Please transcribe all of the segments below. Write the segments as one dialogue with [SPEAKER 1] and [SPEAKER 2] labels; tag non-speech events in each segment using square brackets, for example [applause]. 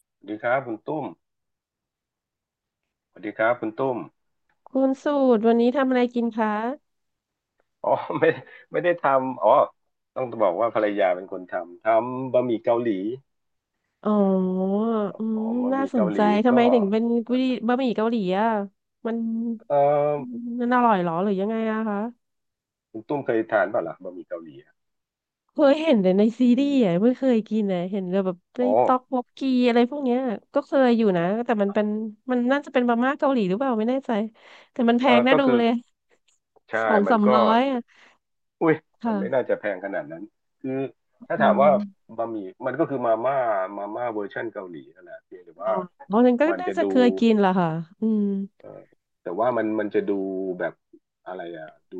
[SPEAKER 1] สวัสดีครับคุณตุ้มสวัสดีครับคุณตุ้ม
[SPEAKER 2] คุณสูตรวันนี้ทำอะไรกินคะ
[SPEAKER 1] อ๋อ [laughs] ไม่ไม่ได้ทำอ๋อต้องบอกว่าภรรยาเป็นคนทำบะหมี่เกาหลี
[SPEAKER 2] อ๋ออืม
[SPEAKER 1] อ๋อบะห
[SPEAKER 2] น่า
[SPEAKER 1] มี่
[SPEAKER 2] ส
[SPEAKER 1] เกา
[SPEAKER 2] น
[SPEAKER 1] ห
[SPEAKER 2] ใจ
[SPEAKER 1] ลี
[SPEAKER 2] ทำไม
[SPEAKER 1] ก็
[SPEAKER 2] ถึงเป็นกุยบะหมี่เกาหลีอ่ะมัน
[SPEAKER 1] เออ
[SPEAKER 2] มันอร่อยเหรอหรือยังไงอะคะ
[SPEAKER 1] คุณตุ้มเคยทานเปล่าล่ะบะหมี่เกาหลีอะ
[SPEAKER 2] เคยเห็นแต่ในซีรีส์อะไม่เคยกินเลยเห็นแต่แบบใน
[SPEAKER 1] อ๋อ
[SPEAKER 2] ต๊อกบกกีอะไรพวกเนี้ยก็เคยอยู่นะแต่มันเป็นมันน่าจะเป็นมาม่าเกาหลีหรือเปล่าไม่แน่ใจแต่มันแพ
[SPEAKER 1] เอ
[SPEAKER 2] ง
[SPEAKER 1] อ
[SPEAKER 2] น่า
[SPEAKER 1] ก็
[SPEAKER 2] ดู
[SPEAKER 1] คือ
[SPEAKER 2] เลย
[SPEAKER 1] ใช่
[SPEAKER 2] [laughs] สอง
[SPEAKER 1] มัน
[SPEAKER 2] สาม
[SPEAKER 1] ก็
[SPEAKER 2] ร้อยอะ
[SPEAKER 1] อุ้ยมันไม่น่า
[SPEAKER 2] ค่ะ
[SPEAKER 1] จะแพงขนาดนั้นคือถ้า
[SPEAKER 2] อื
[SPEAKER 1] ถามว่า
[SPEAKER 2] ม
[SPEAKER 1] บะหมี่มันก็คือมาม่ามาม่าเวอร์ชันเกาหลีนั่นแหละเพียงแต่
[SPEAKER 2] อ๋
[SPEAKER 1] ว่า
[SPEAKER 2] อเพราะฉะนั้นก็
[SPEAKER 1] มัน
[SPEAKER 2] น่า
[SPEAKER 1] จะ
[SPEAKER 2] จะ
[SPEAKER 1] ดู
[SPEAKER 2] เคยกินล่ะค่ะอืม
[SPEAKER 1] เออแต่ว่ามันจะดูแบบอะไรอ่ะดู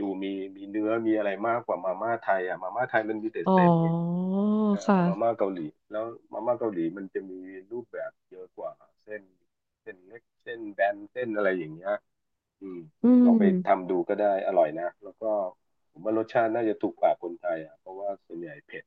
[SPEAKER 1] ดูมีเนื้อมีอะไรมากกว่ามาม่าไทยอ่ะมาม่าไทยมันมีแต่
[SPEAKER 2] อ๋อ
[SPEAKER 1] เส้นไงเออมาม่า
[SPEAKER 2] ค่ะ
[SPEAKER 1] เกาหลีแล้วมาม่าเกาหลีมันจะมีรูปแบบเยอะกว่าเส้นเล็กเส้นแบนเส้นอะไรอย่างเงี้ยอืม
[SPEAKER 2] อื
[SPEAKER 1] ลองไป
[SPEAKER 2] ม
[SPEAKER 1] ทำดูก็ได้อร่อยนะแล้วก็ผมว่ารสชาติน่าจะถูกปากคนไทยอ่ะเพราะว่าส่วนใหญ่เผ็ด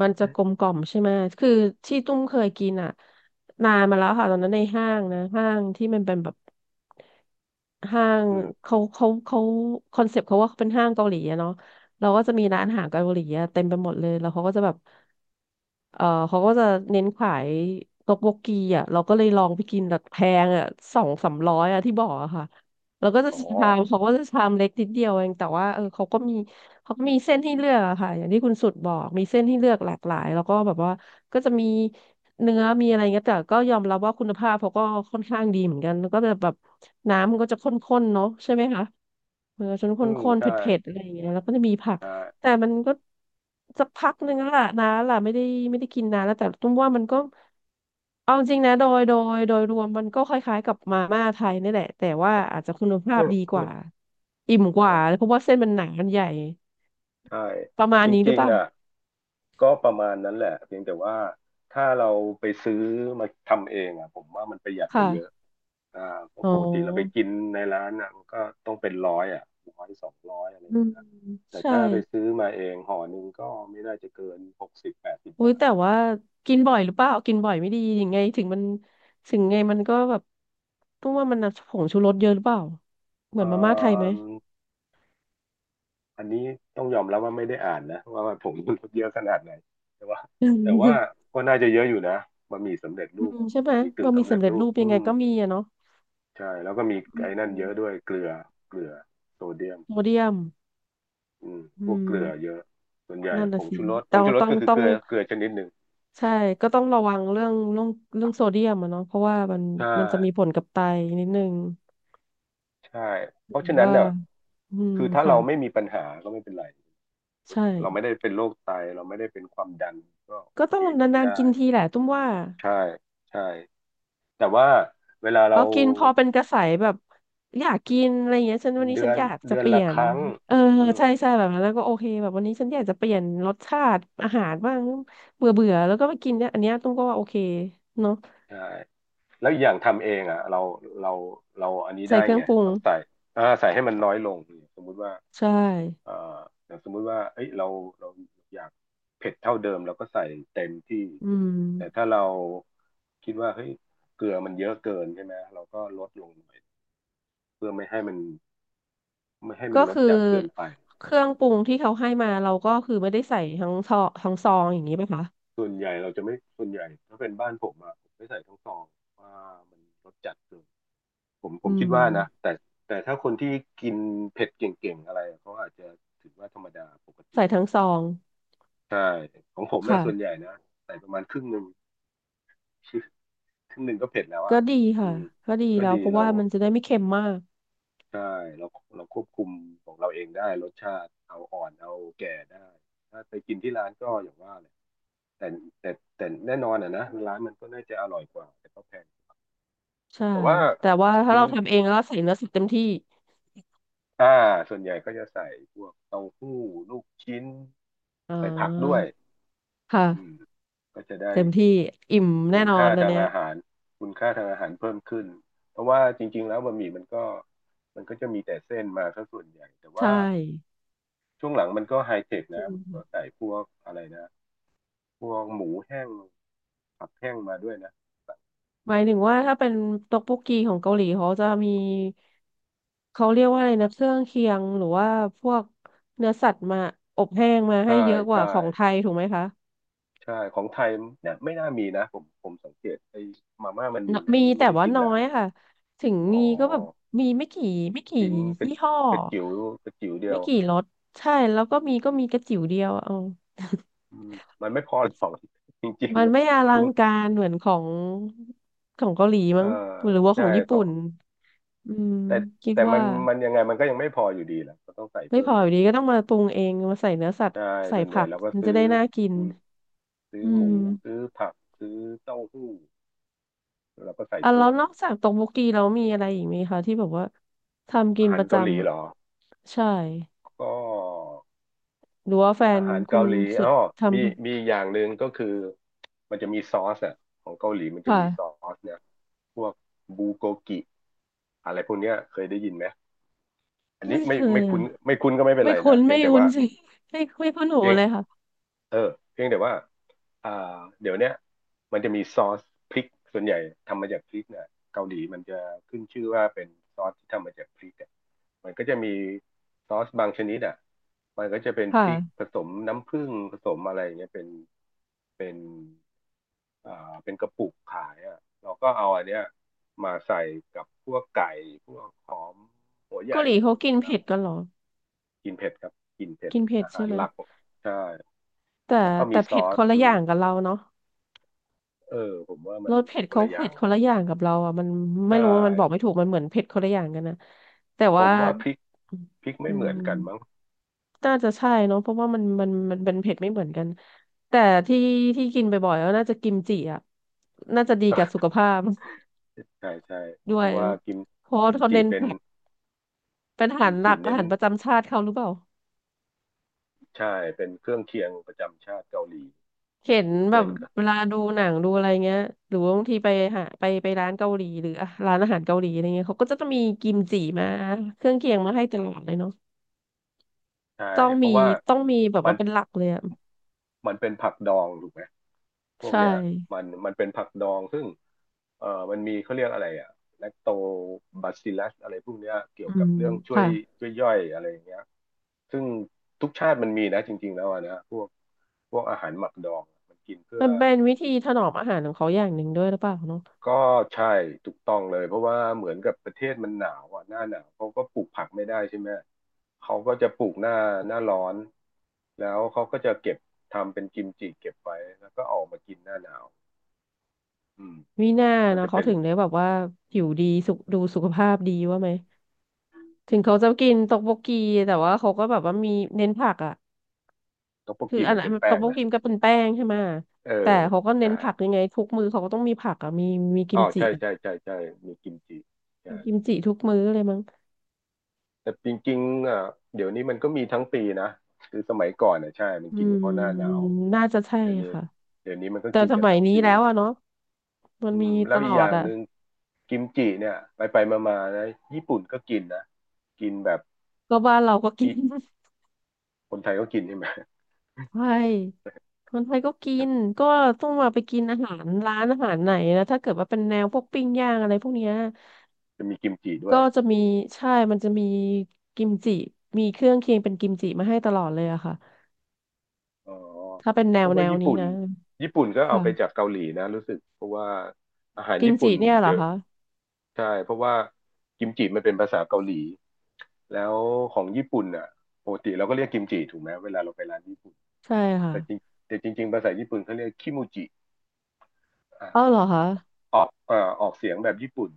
[SPEAKER 2] มันจะกลมก
[SPEAKER 1] [laughs]
[SPEAKER 2] ล่อมใช่ไหมคือที่ตุ้มเคยกินอ่ะนานมาแล้วค่ะตอนนั้นในห้างนะห้างที่มันเป็นแบบห้าง
[SPEAKER 1] อืม
[SPEAKER 2] เขาคอนเซ็ปต์เขาว่าเขาเป็นห้างเกาหลีอะเนาะเราก็จะมีร้านอาหารเกาหลีอะเต็มไปหมดเลยแล้วเขาก็จะแบบ เขาก็จะเน้นขายต๊อกโบกีอ่ะเราก็เลยลองไปกินแบบแพงอ่ะสองสามร้อยอ่ะที่บอกอะค่ะเราก็จะ
[SPEAKER 1] อ๋อ
[SPEAKER 2] ชาม [laughs] เขาก็จะชามเล็กนิดเดียวเองแต่ว่าเขาก็มีเขาก็มีเส้นให้เลือกอะค่ะอย่างที่คุณสุดบอกมีเส้นให้เลือกหลากหลายแล้วก็แบบว่าก็จะมีเนื้อมีอะไรเงี้ยแต่ก็ยอมรับว่าคุณภาพเขาก็ค่อนข้างดีเหมือนกันแล้วก็จะแบบน้ำมันก็จะข้นๆเนาะใช่ไหมคะมันก็จะข
[SPEAKER 1] อืม
[SPEAKER 2] ้นๆเผ
[SPEAKER 1] ใช่
[SPEAKER 2] ็ดๆอะไรอย่างเงี้ยแล้วก็จะมีผัก
[SPEAKER 1] ใช่
[SPEAKER 2] แต่มันก็สักพักหนึ่งแล้วล่ะนะล่ะไม่ได้กินนานแล้วแต่ตุ้มว่ามันก็เอาจริงนะโดยรวมมันก็คล้ายๆกับมาม่าไทยนี่แหละแต่ว่าอาจจะคุณภา
[SPEAKER 1] อื
[SPEAKER 2] พ
[SPEAKER 1] ม
[SPEAKER 2] ดีก
[SPEAKER 1] อืม
[SPEAKER 2] ว่าอิ่มก
[SPEAKER 1] เอ
[SPEAKER 2] ว่า
[SPEAKER 1] อ
[SPEAKER 2] เพราะว่าเส้นมันหนามันใหญ่
[SPEAKER 1] ใช่
[SPEAKER 2] ประมา
[SPEAKER 1] จ
[SPEAKER 2] ณนี้หรื
[SPEAKER 1] ริ
[SPEAKER 2] อ
[SPEAKER 1] ง
[SPEAKER 2] เปล่า
[SPEAKER 1] ๆอ่ะ ก็ประมาณนั้นแหละเพียงแต่ว่าถ้าเราไปซื้อมาทำเองอ่ะผมว่ามันประหยัดกว่าเยอะ
[SPEAKER 2] ค่ะ
[SPEAKER 1] อ่าเพราะ
[SPEAKER 2] อ๋อ
[SPEAKER 1] ปกติเราไปกินในร้านอ่ะมันก็ต้องเป็นร้อยอ่ะร้อย200อะไรอ
[SPEAKER 2] อื
[SPEAKER 1] ย่าง
[SPEAKER 2] ม
[SPEAKER 1] เงี้ยแต่
[SPEAKER 2] ใช่
[SPEAKER 1] ถ้าไปซื้อมาเองห่อหนึ่งก็ไม่น่าจะเกิน6080
[SPEAKER 2] อุ้ย
[SPEAKER 1] บาท
[SPEAKER 2] แต่ว่ากินบ่อยหรือเปล่ากินบ่อยไม่ดียังไงถึงมันถึงไงมันก็แบบตุ้มว่ามันน่ะผงชูรสเยอะหรือเปล่าเหมื
[SPEAKER 1] อ่
[SPEAKER 2] อนมาม่าไทยไหม
[SPEAKER 1] าอันนี้ต้องยอมรับว่าไม่ได้อ่านนะว่าผมมันลดเยอะขนาดไหนแต่ว่าแต่ว่า
[SPEAKER 2] [laughs]
[SPEAKER 1] ก็น่าจะเยอะอยู่นะบะหมี่สำเร็จ
[SPEAKER 2] อื
[SPEAKER 1] รูป
[SPEAKER 2] ม
[SPEAKER 1] อ่ะ
[SPEAKER 2] ใช่ไหม
[SPEAKER 1] บะหมี่กึ่ง
[SPEAKER 2] บะหมี่
[SPEAKER 1] สำเร็จ
[SPEAKER 2] สำเร็จ
[SPEAKER 1] รูป
[SPEAKER 2] รูปยั
[SPEAKER 1] อื
[SPEAKER 2] งไง
[SPEAKER 1] ม
[SPEAKER 2] ก็มีอะเนาะ
[SPEAKER 1] ใช่แล้วก็มี
[SPEAKER 2] อื
[SPEAKER 1] ไอ้นั่นเย
[SPEAKER 2] ม
[SPEAKER 1] อะด้วยเกลือเกลือโซเดียม
[SPEAKER 2] โซเดียม
[SPEAKER 1] อืม
[SPEAKER 2] อื
[SPEAKER 1] พวก
[SPEAKER 2] ม
[SPEAKER 1] เกลือเยอะส่วนใหญ่
[SPEAKER 2] นั่นน่ะสิ
[SPEAKER 1] ผง
[SPEAKER 2] เรา
[SPEAKER 1] ชูรส
[SPEAKER 2] ต้อง
[SPEAKER 1] ก็คือ
[SPEAKER 2] ต้อ
[SPEAKER 1] เก
[SPEAKER 2] ง
[SPEAKER 1] ลือชนิดหนึ่ง
[SPEAKER 2] ใช่ก็ต้องระวังเรื่องโซเดียมอะเนาะเพราะว่ามัน
[SPEAKER 1] ใช่
[SPEAKER 2] มันจะมีผลกับไตนิดนึง
[SPEAKER 1] ใช่
[SPEAKER 2] ห
[SPEAKER 1] เพ
[SPEAKER 2] รื่
[SPEAKER 1] ราะฉะนั้น
[SPEAKER 2] ว่า
[SPEAKER 1] เนี่ย
[SPEAKER 2] อืม
[SPEAKER 1] คือถ้า
[SPEAKER 2] ค่ะ
[SPEAKER 1] เราไม่มีปัญหาก็ไม่เป็นไร
[SPEAKER 2] ใช่
[SPEAKER 1] เราไม่ได้เป็นโรคไตเราไม่ได้เป็นความดันก็โอ
[SPEAKER 2] ก็ต้
[SPEAKER 1] เค
[SPEAKER 2] อง
[SPEAKER 1] กิน
[SPEAKER 2] นานๆ
[SPEAKER 1] ได้
[SPEAKER 2] กินทีแหละตุ้มว่า
[SPEAKER 1] ใช่ใช่แต่ว่าเวลาเรา
[SPEAKER 2] เอากินพอเป็นกระแสแบบอยากกินอะไรเงี้ยฉันวันนี้
[SPEAKER 1] เดื
[SPEAKER 2] ฉั
[SPEAKER 1] อ
[SPEAKER 2] น
[SPEAKER 1] น
[SPEAKER 2] อยากจะ
[SPEAKER 1] เดือน
[SPEAKER 2] เปลี่
[SPEAKER 1] ละ
[SPEAKER 2] ย
[SPEAKER 1] ค
[SPEAKER 2] น
[SPEAKER 1] รั้ง
[SPEAKER 2] เออ
[SPEAKER 1] อืม
[SPEAKER 2] ใช่ใช่แบบนั้นแล้วก็โอเคแบบวันนี้ฉันอยากจะเปลี่ยนรสชาติอาหารบ้างเบื่อเบื่อแล้วก็มากินเนี่ยอันเนี้ยตุ้มก็ว่าโอเคเนาะ
[SPEAKER 1] ใช่แล้วอีกอย่างทำเองอ่ะเราเราอันนี้
[SPEAKER 2] ใส่
[SPEAKER 1] ได้
[SPEAKER 2] เครื่อ
[SPEAKER 1] ไง
[SPEAKER 2] งปรุง
[SPEAKER 1] เราใส่ใส่ให้มันน้อยลงสมมุติว่า
[SPEAKER 2] ใช่
[SPEAKER 1] เอ่ออย่างสมมุติว่าเอ้ยเราเราอยากเผ็ดเท่าเดิมเราก็ใส่เต็มที่
[SPEAKER 2] อืม
[SPEAKER 1] แต่ถ้าเราคิดว่าเฮ้ยเกลือมันเยอะเกินใช่ไหมเราก็ลดลงหน่อยเพื่อไม่ให้มั
[SPEAKER 2] ก็
[SPEAKER 1] นลด
[SPEAKER 2] คือ
[SPEAKER 1] จัดเกินไป
[SPEAKER 2] เครื่องปรุงที่เขาให้มาเราก็คือไม่ได้ใส่ทั้งซองทั้งซองอย่างนี้ไหมคะ
[SPEAKER 1] ส่วนใหญ่ถ้าเป็นบ้านผมอะผมไม่ใส่ทั้งซองว่ามันรสจัดเกินผมผ
[SPEAKER 2] อื
[SPEAKER 1] มคิด
[SPEAKER 2] ม
[SPEAKER 1] ว่านะแต่แต่ถ้าคนที่กินเผ็ดเก่งๆอะไรเขาอาจจะถือว่าธรรมดาปกติ
[SPEAKER 2] ใส่ทั้งซอง
[SPEAKER 1] ใช่ของผมเนี่ย
[SPEAKER 2] ค่ะ
[SPEAKER 1] ส่วนใหญ่นะใส่ประมาณครึ่งหนึ่ง ครึ่งหนึ่งก็เผ็ดแล้วอ่ะ
[SPEAKER 2] ก็ดี
[SPEAKER 1] อื
[SPEAKER 2] ค่ะ
[SPEAKER 1] ม
[SPEAKER 2] ก็ดี
[SPEAKER 1] ก็
[SPEAKER 2] แล้ว
[SPEAKER 1] ดี
[SPEAKER 2] เพราะ
[SPEAKER 1] เรา
[SPEAKER 2] ว่ามันจะได้ไม่เค็มมาก
[SPEAKER 1] ใช่เราเราควบคุมของเราเองได้รสชาติเอาอ่อนเอาแก่ได้ถ้าไปกินที่ร้านก็อย่างว่าเลยแต่แต่แต่แน่นอนอ่ะนะร้านมันก็น่าจะอร่อยกว่าแต่ก็แพง
[SPEAKER 2] ใช่
[SPEAKER 1] แต่ว่า
[SPEAKER 2] แต่ว่าถ้า
[SPEAKER 1] กิน
[SPEAKER 2] เราทำเองแล้วเราใส่เนื้อสัตว์เต็มที่
[SPEAKER 1] อ่าส่วนใหญ่ก็จะใส่พวกเต้าหู้ลูกชิ้น
[SPEAKER 2] อ่
[SPEAKER 1] ใส่ผักด้ว
[SPEAKER 2] า
[SPEAKER 1] ยอืม
[SPEAKER 2] ค่ะ
[SPEAKER 1] ก็จะได้
[SPEAKER 2] เต็มที่อิ่มแน่
[SPEAKER 1] คุณ
[SPEAKER 2] นอน
[SPEAKER 1] ค่า
[SPEAKER 2] ตอน
[SPEAKER 1] ทาง
[SPEAKER 2] เนี้ย
[SPEAKER 1] อาหารคุณค่าทางอาหารเพิ่มขึ้นเพราะว่าจริงๆแล้วบะหมี่มันก็จะมีแต่เส้นมาซะส่วนใหญ่แต่
[SPEAKER 2] ใช่
[SPEAKER 1] ว่าช่วงหลังมันก็ไฮเทค
[SPEAKER 2] จ
[SPEAKER 1] นะ
[SPEAKER 2] ริง
[SPEAKER 1] มันก็
[SPEAKER 2] ค่ะ
[SPEAKER 1] ใส่พวกอะไรนะพวกหมูแห้งผักแห้งมาด้วยนะ
[SPEAKER 2] หมายถึงว่าถ้าเป็นต๊อกบกกีของเกาหลีเขาจะมีเขาเรียกว่าอะไรนะเครื่องเคียงหรือว่าพวกเนื้อสัตว์มาอบแห้งมา
[SPEAKER 1] ใช่
[SPEAKER 2] ให้เยอะก
[SPEAKER 1] ใช่
[SPEAKER 2] ว่าของไทยถูกไหมคะ
[SPEAKER 1] ใช่ของไทยเนี่ยไม่น่ามีนะผมสังเกตไอ้มาม่ามัน
[SPEAKER 2] น
[SPEAKER 1] มีไหม
[SPEAKER 2] มี
[SPEAKER 1] ไม่
[SPEAKER 2] แต่
[SPEAKER 1] ไม่ได้
[SPEAKER 2] ว่า
[SPEAKER 1] กิน
[SPEAKER 2] น้อ
[SPEAKER 1] นาน
[SPEAKER 2] ย
[SPEAKER 1] แล้ว
[SPEAKER 2] ค่ะถึง
[SPEAKER 1] อ๋อ
[SPEAKER 2] มีก็แบบมีไม่กี่
[SPEAKER 1] กิน
[SPEAKER 2] ยี่ห้อ
[SPEAKER 1] กระจิ๋วกระจิ๋วเดีย
[SPEAKER 2] ไม่
[SPEAKER 1] ว
[SPEAKER 2] กี่รสใช่แล้วก็มีก็มีกระจิ๋วเดียวเอา
[SPEAKER 1] อืมมันไม่พอหรอก [laughs] จริง
[SPEAKER 2] มั
[SPEAKER 1] ๆ
[SPEAKER 2] น
[SPEAKER 1] นะ
[SPEAKER 2] ไม่อลั
[SPEAKER 1] คุณ
[SPEAKER 2] งการเหมือนของของเกาหลี
[SPEAKER 1] เอ่
[SPEAKER 2] มั้
[SPEAKER 1] อ
[SPEAKER 2] งหรือว่าข
[SPEAKER 1] ใช่
[SPEAKER 2] องญี่
[SPEAKER 1] ก็
[SPEAKER 2] ปุ่นอืม
[SPEAKER 1] แต่
[SPEAKER 2] คิด
[SPEAKER 1] แต่มั
[SPEAKER 2] ว่า
[SPEAKER 1] นยังไงมันก็ยังไม่พออยู่ดีแหละก็ต้องใส่
[SPEAKER 2] ไม่
[SPEAKER 1] เพิ่
[SPEAKER 2] พ
[SPEAKER 1] ม
[SPEAKER 2] อ
[SPEAKER 1] เอ
[SPEAKER 2] อยู่
[SPEAKER 1] ง
[SPEAKER 2] ดีก็ต้องมาปรุงเองมาใส่เนื้อสัตว์
[SPEAKER 1] ใช่
[SPEAKER 2] ใส่
[SPEAKER 1] ส่วนใหญ่
[SPEAKER 2] ผัก
[SPEAKER 1] เราก็
[SPEAKER 2] มันจะ
[SPEAKER 1] ซื้อ
[SPEAKER 2] ได้น่ากิน
[SPEAKER 1] อืมซื้อ
[SPEAKER 2] อื
[SPEAKER 1] หมู
[SPEAKER 2] ม
[SPEAKER 1] ซื้อผักซื้อเต้าหู้เราก็ใส่
[SPEAKER 2] อ่ะ
[SPEAKER 1] เพิ่
[SPEAKER 2] แล้
[SPEAKER 1] ม
[SPEAKER 2] วนอ
[SPEAKER 1] เอา
[SPEAKER 2] กจากตกโกีเรามีอะไรอีกไหมคะที่แบบว่าทำกิ
[SPEAKER 1] อา
[SPEAKER 2] น
[SPEAKER 1] หา
[SPEAKER 2] ป
[SPEAKER 1] ร
[SPEAKER 2] ระ
[SPEAKER 1] เกาหลี
[SPEAKER 2] จำ
[SPEAKER 1] เห
[SPEAKER 2] อ่ะ
[SPEAKER 1] รอ
[SPEAKER 2] ใช่
[SPEAKER 1] ก็
[SPEAKER 2] หรือว่าแฟ
[SPEAKER 1] อา
[SPEAKER 2] น
[SPEAKER 1] หาร
[SPEAKER 2] คุ
[SPEAKER 1] เกา
[SPEAKER 2] ณ
[SPEAKER 1] หลี
[SPEAKER 2] สุด
[SPEAKER 1] อ๋อ
[SPEAKER 2] ท
[SPEAKER 1] มีมีอีกอย่างหนึ่งก็คือมันจะมีซอสอ่ะของเกาหลีมัน
[SPEAKER 2] ำ
[SPEAKER 1] จะ
[SPEAKER 2] ค่ะ
[SPEAKER 1] มีซอสเนี่ยพวกบูโกกิอะไรพวกเนี้ยเคยได้ยินไหมอันนี้
[SPEAKER 2] ไม่เค
[SPEAKER 1] ไม่
[SPEAKER 2] ย
[SPEAKER 1] คุ้น
[SPEAKER 2] อ่ะ
[SPEAKER 1] ไม่คุ้นก็ไม่เป็น
[SPEAKER 2] ไม่
[SPEAKER 1] ไร
[SPEAKER 2] คุ้
[SPEAKER 1] นะ
[SPEAKER 2] น
[SPEAKER 1] เพีย
[SPEAKER 2] ไม่
[SPEAKER 1] งแต่
[SPEAKER 2] คุ้
[SPEAKER 1] ว่า
[SPEAKER 2] นสิ [laughs] ไม่คุ้นหู
[SPEAKER 1] เพียง
[SPEAKER 2] เลยค่ะ
[SPEAKER 1] เออเพียงแต่ว่าอ่าเดี๋ยวเนี้ยมันจะมีซอสพริกส่วนใหญ่ทำมาจากพริกเนี่ยเกาหลีมันจะขึ้นชื่อว่าเป็นซอสที่ทำมาจากพริกอ่ะมันก็จะมีซอสบางชนิดอ่ะมันก็จะเป็นพริก
[SPEAKER 2] ค่ะ
[SPEAKER 1] ผสมน้ำผึ้งผสมอะไรอย่างเงี้ยเป็นเป็นอ่าเป็นกระปุกขายอ่ะเราก็เอาอันเนี้ยมาใส่กับพวกไก่พวกหอมหัวให
[SPEAKER 2] เกา
[SPEAKER 1] ญ่
[SPEAKER 2] หลี
[SPEAKER 1] อะไร
[SPEAKER 2] เขา
[SPEAKER 1] อย่าง
[SPEAKER 2] กิน
[SPEAKER 1] เงี้ยนะ
[SPEAKER 2] เผ็ดกันเหรอ
[SPEAKER 1] กินเผ็ดครับกินเผ็ด
[SPEAKER 2] กินเผ็ด
[SPEAKER 1] อาหา
[SPEAKER 2] ใช่
[SPEAKER 1] ร
[SPEAKER 2] ไหม
[SPEAKER 1] หลักใช่
[SPEAKER 2] แต่
[SPEAKER 1] แล้วก็มี
[SPEAKER 2] แต่
[SPEAKER 1] ซ
[SPEAKER 2] เผ็
[SPEAKER 1] อ
[SPEAKER 2] ดค
[SPEAKER 1] ส
[SPEAKER 2] นละ
[SPEAKER 1] อื
[SPEAKER 2] อ
[SPEAKER 1] ม
[SPEAKER 2] ย่างกับเราเนาะ
[SPEAKER 1] เออผมว่ามัน
[SPEAKER 2] รสเผ็ด
[SPEAKER 1] คน
[SPEAKER 2] เขา
[SPEAKER 1] ละอย่า
[SPEAKER 2] เผ็
[SPEAKER 1] ง
[SPEAKER 2] ดคน
[SPEAKER 1] นะ
[SPEAKER 2] ละอย่างกับเราอ่ะมัน
[SPEAKER 1] ใช
[SPEAKER 2] ไม่รู้ว่ามันบอก
[SPEAKER 1] ่
[SPEAKER 2] ไม่ถูกมันเหมือนเผ็ดคนละอย่างกันนะแต่
[SPEAKER 1] ผ
[SPEAKER 2] ว่า
[SPEAKER 1] มว่าพริกไม่
[SPEAKER 2] อื
[SPEAKER 1] เหมือน
[SPEAKER 2] ม
[SPEAKER 1] กันมั้ง
[SPEAKER 2] น่าจะใช่เนาะเพราะว่ามันเป็นเผ็ดไม่เหมือนกันแต่ที่ที่กินบ่อยๆก็น่าจะกิมจิอ่ะน่าจะดีกับสุขภาพ
[SPEAKER 1] [laughs] ใช่ใช่
[SPEAKER 2] [laughs] ด้
[SPEAKER 1] เพ
[SPEAKER 2] วย
[SPEAKER 1] ราะว่ากิม
[SPEAKER 2] เพราะว่าเขา
[SPEAKER 1] จิ
[SPEAKER 2] เน้น
[SPEAKER 1] เป็น
[SPEAKER 2] ผักเป็นอา
[SPEAKER 1] กิ
[SPEAKER 2] หา
[SPEAKER 1] ม
[SPEAKER 2] รห
[SPEAKER 1] จิ
[SPEAKER 2] ลักอา
[SPEAKER 1] เน้น
[SPEAKER 2] หารประจำชาติเขาหรือเปล่า
[SPEAKER 1] ใช่เป็นเครื่องเคียงประจำชาติเกาหลี
[SPEAKER 2] เห็น
[SPEAKER 1] เห
[SPEAKER 2] แบ
[SPEAKER 1] มือ
[SPEAKER 2] บ
[SPEAKER 1] นกัน
[SPEAKER 2] เวลาดูหนังดูอะไรเงี้ยหรือว่าบางทีไปหาไปร้านเกาหลีหรืออ่ะร้านอาหารเกาหลีอะไรเงี้ยเขาก็จะต้องมีกิมจิมาเครื่องเคียงมาให้ตลอดเลยเนาะ
[SPEAKER 1] ใช่
[SPEAKER 2] ต้อง
[SPEAKER 1] เพ
[SPEAKER 2] มี
[SPEAKER 1] ราะว่า
[SPEAKER 2] แบบ
[SPEAKER 1] มัน
[SPEAKER 2] ว่าเป็นหลักเลยอะ
[SPEAKER 1] เป็นผักดองถูกไหม พวก
[SPEAKER 2] ใช่
[SPEAKER 1] เนี้ยมันเป็นผักดองซึ่งมันมีเขาเรียกอะไรอะแลคโตบาซิลัสอะไรพวกเนี้ยเกี่ย
[SPEAKER 2] อื
[SPEAKER 1] วกับ
[SPEAKER 2] ม
[SPEAKER 1] เรื่องช่วย
[SPEAKER 2] ค่ะ
[SPEAKER 1] ช่วยย่อยอะไรอย่างเงี้ยซึ่งทุกชาติมันมีนะจริงๆแล้วอะนะพวกอาหารหมักดองมันกินเพื่อ
[SPEAKER 2] มันเป็นวิธีถนอมอาหารของเขาอย่างหนึ่งด้วยหรือเปล่าเนาะ
[SPEAKER 1] ก็ใช่ถูกต้องเลยเพราะว่าเหมือนกับประเทศมันหนาวอ่ะหน้าหนาวเขาก็ปลูกผักไม่ได้ใช่ไหมเขาก็จะปลูกหน้าร้อนแล้วเขาก็จะเก็บทำเป็นกิมจิเก็บไว้แล้วก็เออกมากินหน้าหนาวอืม
[SPEAKER 2] มีหน้า
[SPEAKER 1] มัน
[SPEAKER 2] นะ
[SPEAKER 1] จะ
[SPEAKER 2] เขา
[SPEAKER 1] เป็น
[SPEAKER 2] ถึงได้แบบว่าผิวดีสุขดูสุขภาพดีว่าไหมถึงเขาจะกินตอกโบกีแต่ว่าเขาก็แบบว่ามีเน้นผักอ่ะ
[SPEAKER 1] ต็อกโบ
[SPEAKER 2] คือ
[SPEAKER 1] กี
[SPEAKER 2] อัน
[SPEAKER 1] มัน
[SPEAKER 2] นั้
[SPEAKER 1] เป็
[SPEAKER 2] น
[SPEAKER 1] น
[SPEAKER 2] ต
[SPEAKER 1] แป้
[SPEAKER 2] อก
[SPEAKER 1] ง
[SPEAKER 2] โบ
[SPEAKER 1] นะ
[SPEAKER 2] กิมก็เป็นแป้งใช่ไหม
[SPEAKER 1] เออ
[SPEAKER 2] แต่เขาก็เน้
[SPEAKER 1] ใช่
[SPEAKER 2] นผักยังไงทุกมื้อเขาก็ต้องมีผักอ่ะมีมีกิ
[SPEAKER 1] อ๋
[SPEAKER 2] ม
[SPEAKER 1] อ
[SPEAKER 2] จิ
[SPEAKER 1] ใช่
[SPEAKER 2] อะ
[SPEAKER 1] ใช่ใช่ใช่มีกิมจิ
[SPEAKER 2] มี
[SPEAKER 1] ใช่
[SPEAKER 2] กิมจิทุกมื้อเลยมั้ง
[SPEAKER 1] แต่จริงๆอ่ะเดี๋ยวนี้มันก็มีทั้งปีนะคือสมัยก่อนอ่ะใช่มัน
[SPEAKER 2] อื
[SPEAKER 1] กินเฉ
[SPEAKER 2] ม
[SPEAKER 1] พาะหน้าหนาว
[SPEAKER 2] น่าจะใช่
[SPEAKER 1] เดี๋ยวนี้
[SPEAKER 2] ค่ะ
[SPEAKER 1] มันก็
[SPEAKER 2] แต่
[SPEAKER 1] กิน
[SPEAKER 2] ส
[SPEAKER 1] กัน
[SPEAKER 2] มัย
[SPEAKER 1] ทั้ง
[SPEAKER 2] นี้
[SPEAKER 1] ปี
[SPEAKER 2] แล้วอะเนาะมั
[SPEAKER 1] อื
[SPEAKER 2] น
[SPEAKER 1] ม
[SPEAKER 2] มี
[SPEAKER 1] แล้
[SPEAKER 2] ต
[SPEAKER 1] วอี
[SPEAKER 2] ล
[SPEAKER 1] ก
[SPEAKER 2] อ
[SPEAKER 1] อ
[SPEAKER 2] ด
[SPEAKER 1] ย่าง
[SPEAKER 2] อะ
[SPEAKER 1] หนึ่งกิมจิเนี่ยไปไปมามาๆนะญี่ปุ่นก็กินนะกินแบบ
[SPEAKER 2] ก็บ้านเราก็กิน
[SPEAKER 1] ที่
[SPEAKER 2] [laughs]
[SPEAKER 1] คนไทยก็กินใช่ไหม
[SPEAKER 2] ใช่คนไทยก็กินก็ต้องมาไปกินอาหารร้านอาหารไหนนะถ้าเกิดว่าเป็นแนวพวกปิ้งย่างอะไรพวกเนี้ย
[SPEAKER 1] [laughs] จะมีกิมจิด้ว
[SPEAKER 2] ก็
[SPEAKER 1] ย
[SPEAKER 2] จะมีใช่มันจะมีกิมจิมีเครื่องเคียงเป็นกิมจิมาให้ตลอดเลยอะค่ะ
[SPEAKER 1] อ๋อ
[SPEAKER 2] ถ้าเป็นแน
[SPEAKER 1] เพ
[SPEAKER 2] ว
[SPEAKER 1] ราะว่า
[SPEAKER 2] แนว
[SPEAKER 1] ญี่
[SPEAKER 2] นี้
[SPEAKER 1] ปุ่น
[SPEAKER 2] นะ
[SPEAKER 1] ก็เอา
[SPEAKER 2] ค่ะ
[SPEAKER 1] ไปจากเกาหลีนะรู้สึกเพราะว่าอาหาร
[SPEAKER 2] กิม
[SPEAKER 1] ญี่ปุ่
[SPEAKER 2] จิ
[SPEAKER 1] น
[SPEAKER 2] เนี่ยเหร
[SPEAKER 1] เด
[SPEAKER 2] อ
[SPEAKER 1] อะ
[SPEAKER 2] คะ
[SPEAKER 1] ใช่เพราะว่ากิมจิมันเป็นภาษาเกาหลีแล้วของญี่ปุ่นอ่ะปกติเราก็เรียกกิมจิถูกไหมเวลาเราไปร้านญี่ปุ่น
[SPEAKER 2] ใช่ค่ะ
[SPEAKER 1] แต่จริงแต่จริงๆภาษาญี่ปุ่นเขาเรียกคิมูจิ
[SPEAKER 2] อ้าวเหรอคะ
[SPEAKER 1] ออกออกเสียงแบบญี่ปุ่น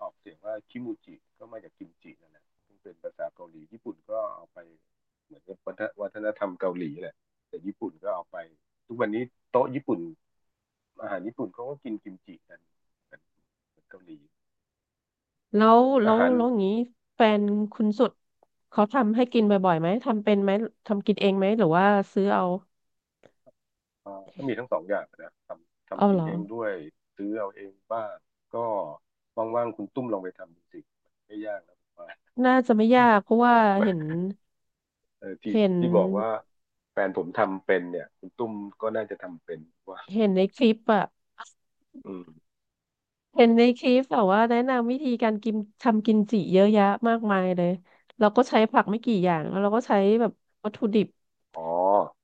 [SPEAKER 1] ออกเสียงว่าคิมูจิก็มาจากกิมจินั่นแหละซึ่งเป็นภาษาเกาหลีญี่ปุ่นก็เอาไปเหมือนกับวัฒนธรรมเกาหลีแหละแต่ญี่ปุ่นก็เอาไปทุกวันนี้โต๊ะญี่ปุ่นอาหารญี่ปุ่นเขาก็กินกิมจิกันเหมือนเกาหลี
[SPEAKER 2] แล้วแล้
[SPEAKER 1] อา
[SPEAKER 2] ว
[SPEAKER 1] หาร
[SPEAKER 2] แล้วอย่างนี้แฟนคุณสุดเขาทำให้กินบ่อยๆไหมทำเป็นไหมทำกินเองไหมหรือว่าซื้อเอา
[SPEAKER 1] ก็มีทั้งสองอย่างนะทำ
[SPEAKER 2] เอา
[SPEAKER 1] กิ
[SPEAKER 2] เห
[SPEAKER 1] น
[SPEAKER 2] รอ
[SPEAKER 1] เองด้วยซื้อเอาเองบ้างก็ว่างๆคุณตุ้มลองไปทำดูสิไม่ยากนะผมว่า
[SPEAKER 2] น่าจะไม่ยากเพราะว่าเห็น
[SPEAKER 1] เออที่
[SPEAKER 2] เห็น
[SPEAKER 1] บอกว่าแฟนผมทำเป็นเนี่ยคุณตุ้มก็น่าจะทำเป็นว่า
[SPEAKER 2] ในคลิปอะ
[SPEAKER 1] อืม
[SPEAKER 2] เห็นในคลิปแบบว่าแนะนำวิธีการกินทำกิมจิเยอะแยะมากมายเลยเราก็ใช้ผักไม่กี่อย่างแล้วเราก็ใช้แบบวัตถุดิบ
[SPEAKER 1] อ๋อ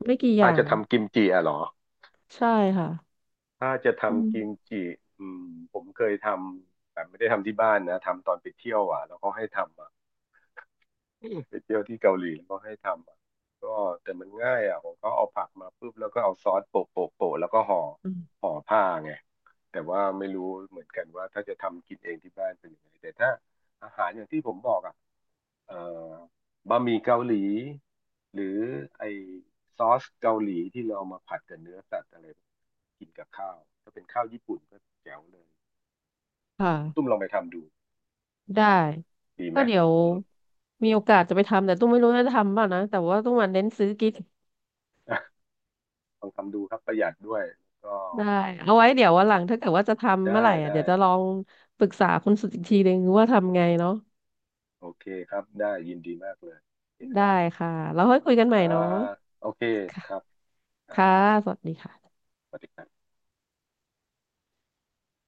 [SPEAKER 2] ไม่กี่อ
[SPEAKER 1] ถ้า
[SPEAKER 2] ย่า
[SPEAKER 1] จะ
[SPEAKER 2] ง
[SPEAKER 1] ทำกิมจิอ่ะเหรอ
[SPEAKER 2] ใช่ค่ะ
[SPEAKER 1] ถ้าจะ
[SPEAKER 2] อื
[SPEAKER 1] ทำกิม
[SPEAKER 2] ม
[SPEAKER 1] จิอืมผมเคยทำแต่ไม่ได้ทำที่บ้านนะทำตอนไปเที่ยวอ่ะแล้วเขาให้ทำอ่ะอืมไปเที่ยวที่เกาหลีแล้วก็ให้ทำอ่ะก็แต่มันง่ายอ่ะผมก็เอาผักมาปุ๊บแล้วก็เอาซอสโปะโปะโปะแล้วก็ห่อ
[SPEAKER 2] อืม
[SPEAKER 1] ผ้าไงแต่ว่าไม่รู้เหมือนกันว่าถ้าจะทำกินเองที่บ้านเป็นยังไงแต่ถ้าอาหารอย่างที่ผมบอกอ่ะ เอ่อบะหมี่เกาหลีหรือไอซอสเกาหลีที่เราเอามาผัดกับเนื้อสัตว์อะไรกินกับข้าวถ้าเป็นข้าวญี่ปุ่นก็แจ๋วเลย
[SPEAKER 2] ค่ะ
[SPEAKER 1] คุณตุ้มลองไปทำดู
[SPEAKER 2] ได้
[SPEAKER 1] ดีไห
[SPEAKER 2] ก็
[SPEAKER 1] ม
[SPEAKER 2] เดี๋ยว
[SPEAKER 1] อืม
[SPEAKER 2] มีโอกาสจะไปทำแต่ตุ้มไม่รู้จะทำเปล่านะแต่ว่าตุ้มมันเน้นซื้อกิน
[SPEAKER 1] [laughs] ลองทำดูครับประหยัดด้วยก็
[SPEAKER 2] ได้เอาไว้เดี๋ยววันหลังถ้าเกิดว่าจะทำเมื่
[SPEAKER 1] ได้
[SPEAKER 2] อไหร่อ่ะ
[SPEAKER 1] ได้
[SPEAKER 2] เดี๋ยวจะลองปรึกษาคุณสุดอีกทีหนึ่งว่าทำไงเนาะ
[SPEAKER 1] โอเคครับได้ยินดีมากเลยโอเค
[SPEAKER 2] ได้
[SPEAKER 1] นะ
[SPEAKER 2] ค่ะแล้วค่อยคุยกัน
[SPEAKER 1] ค
[SPEAKER 2] ใหม่
[SPEAKER 1] รั
[SPEAKER 2] เนาะ
[SPEAKER 1] บโอเค
[SPEAKER 2] ค่ะ
[SPEAKER 1] ครับอ่า
[SPEAKER 2] ค่ะสวัสดีค่ะ
[SPEAKER 1] สวัสดีครับ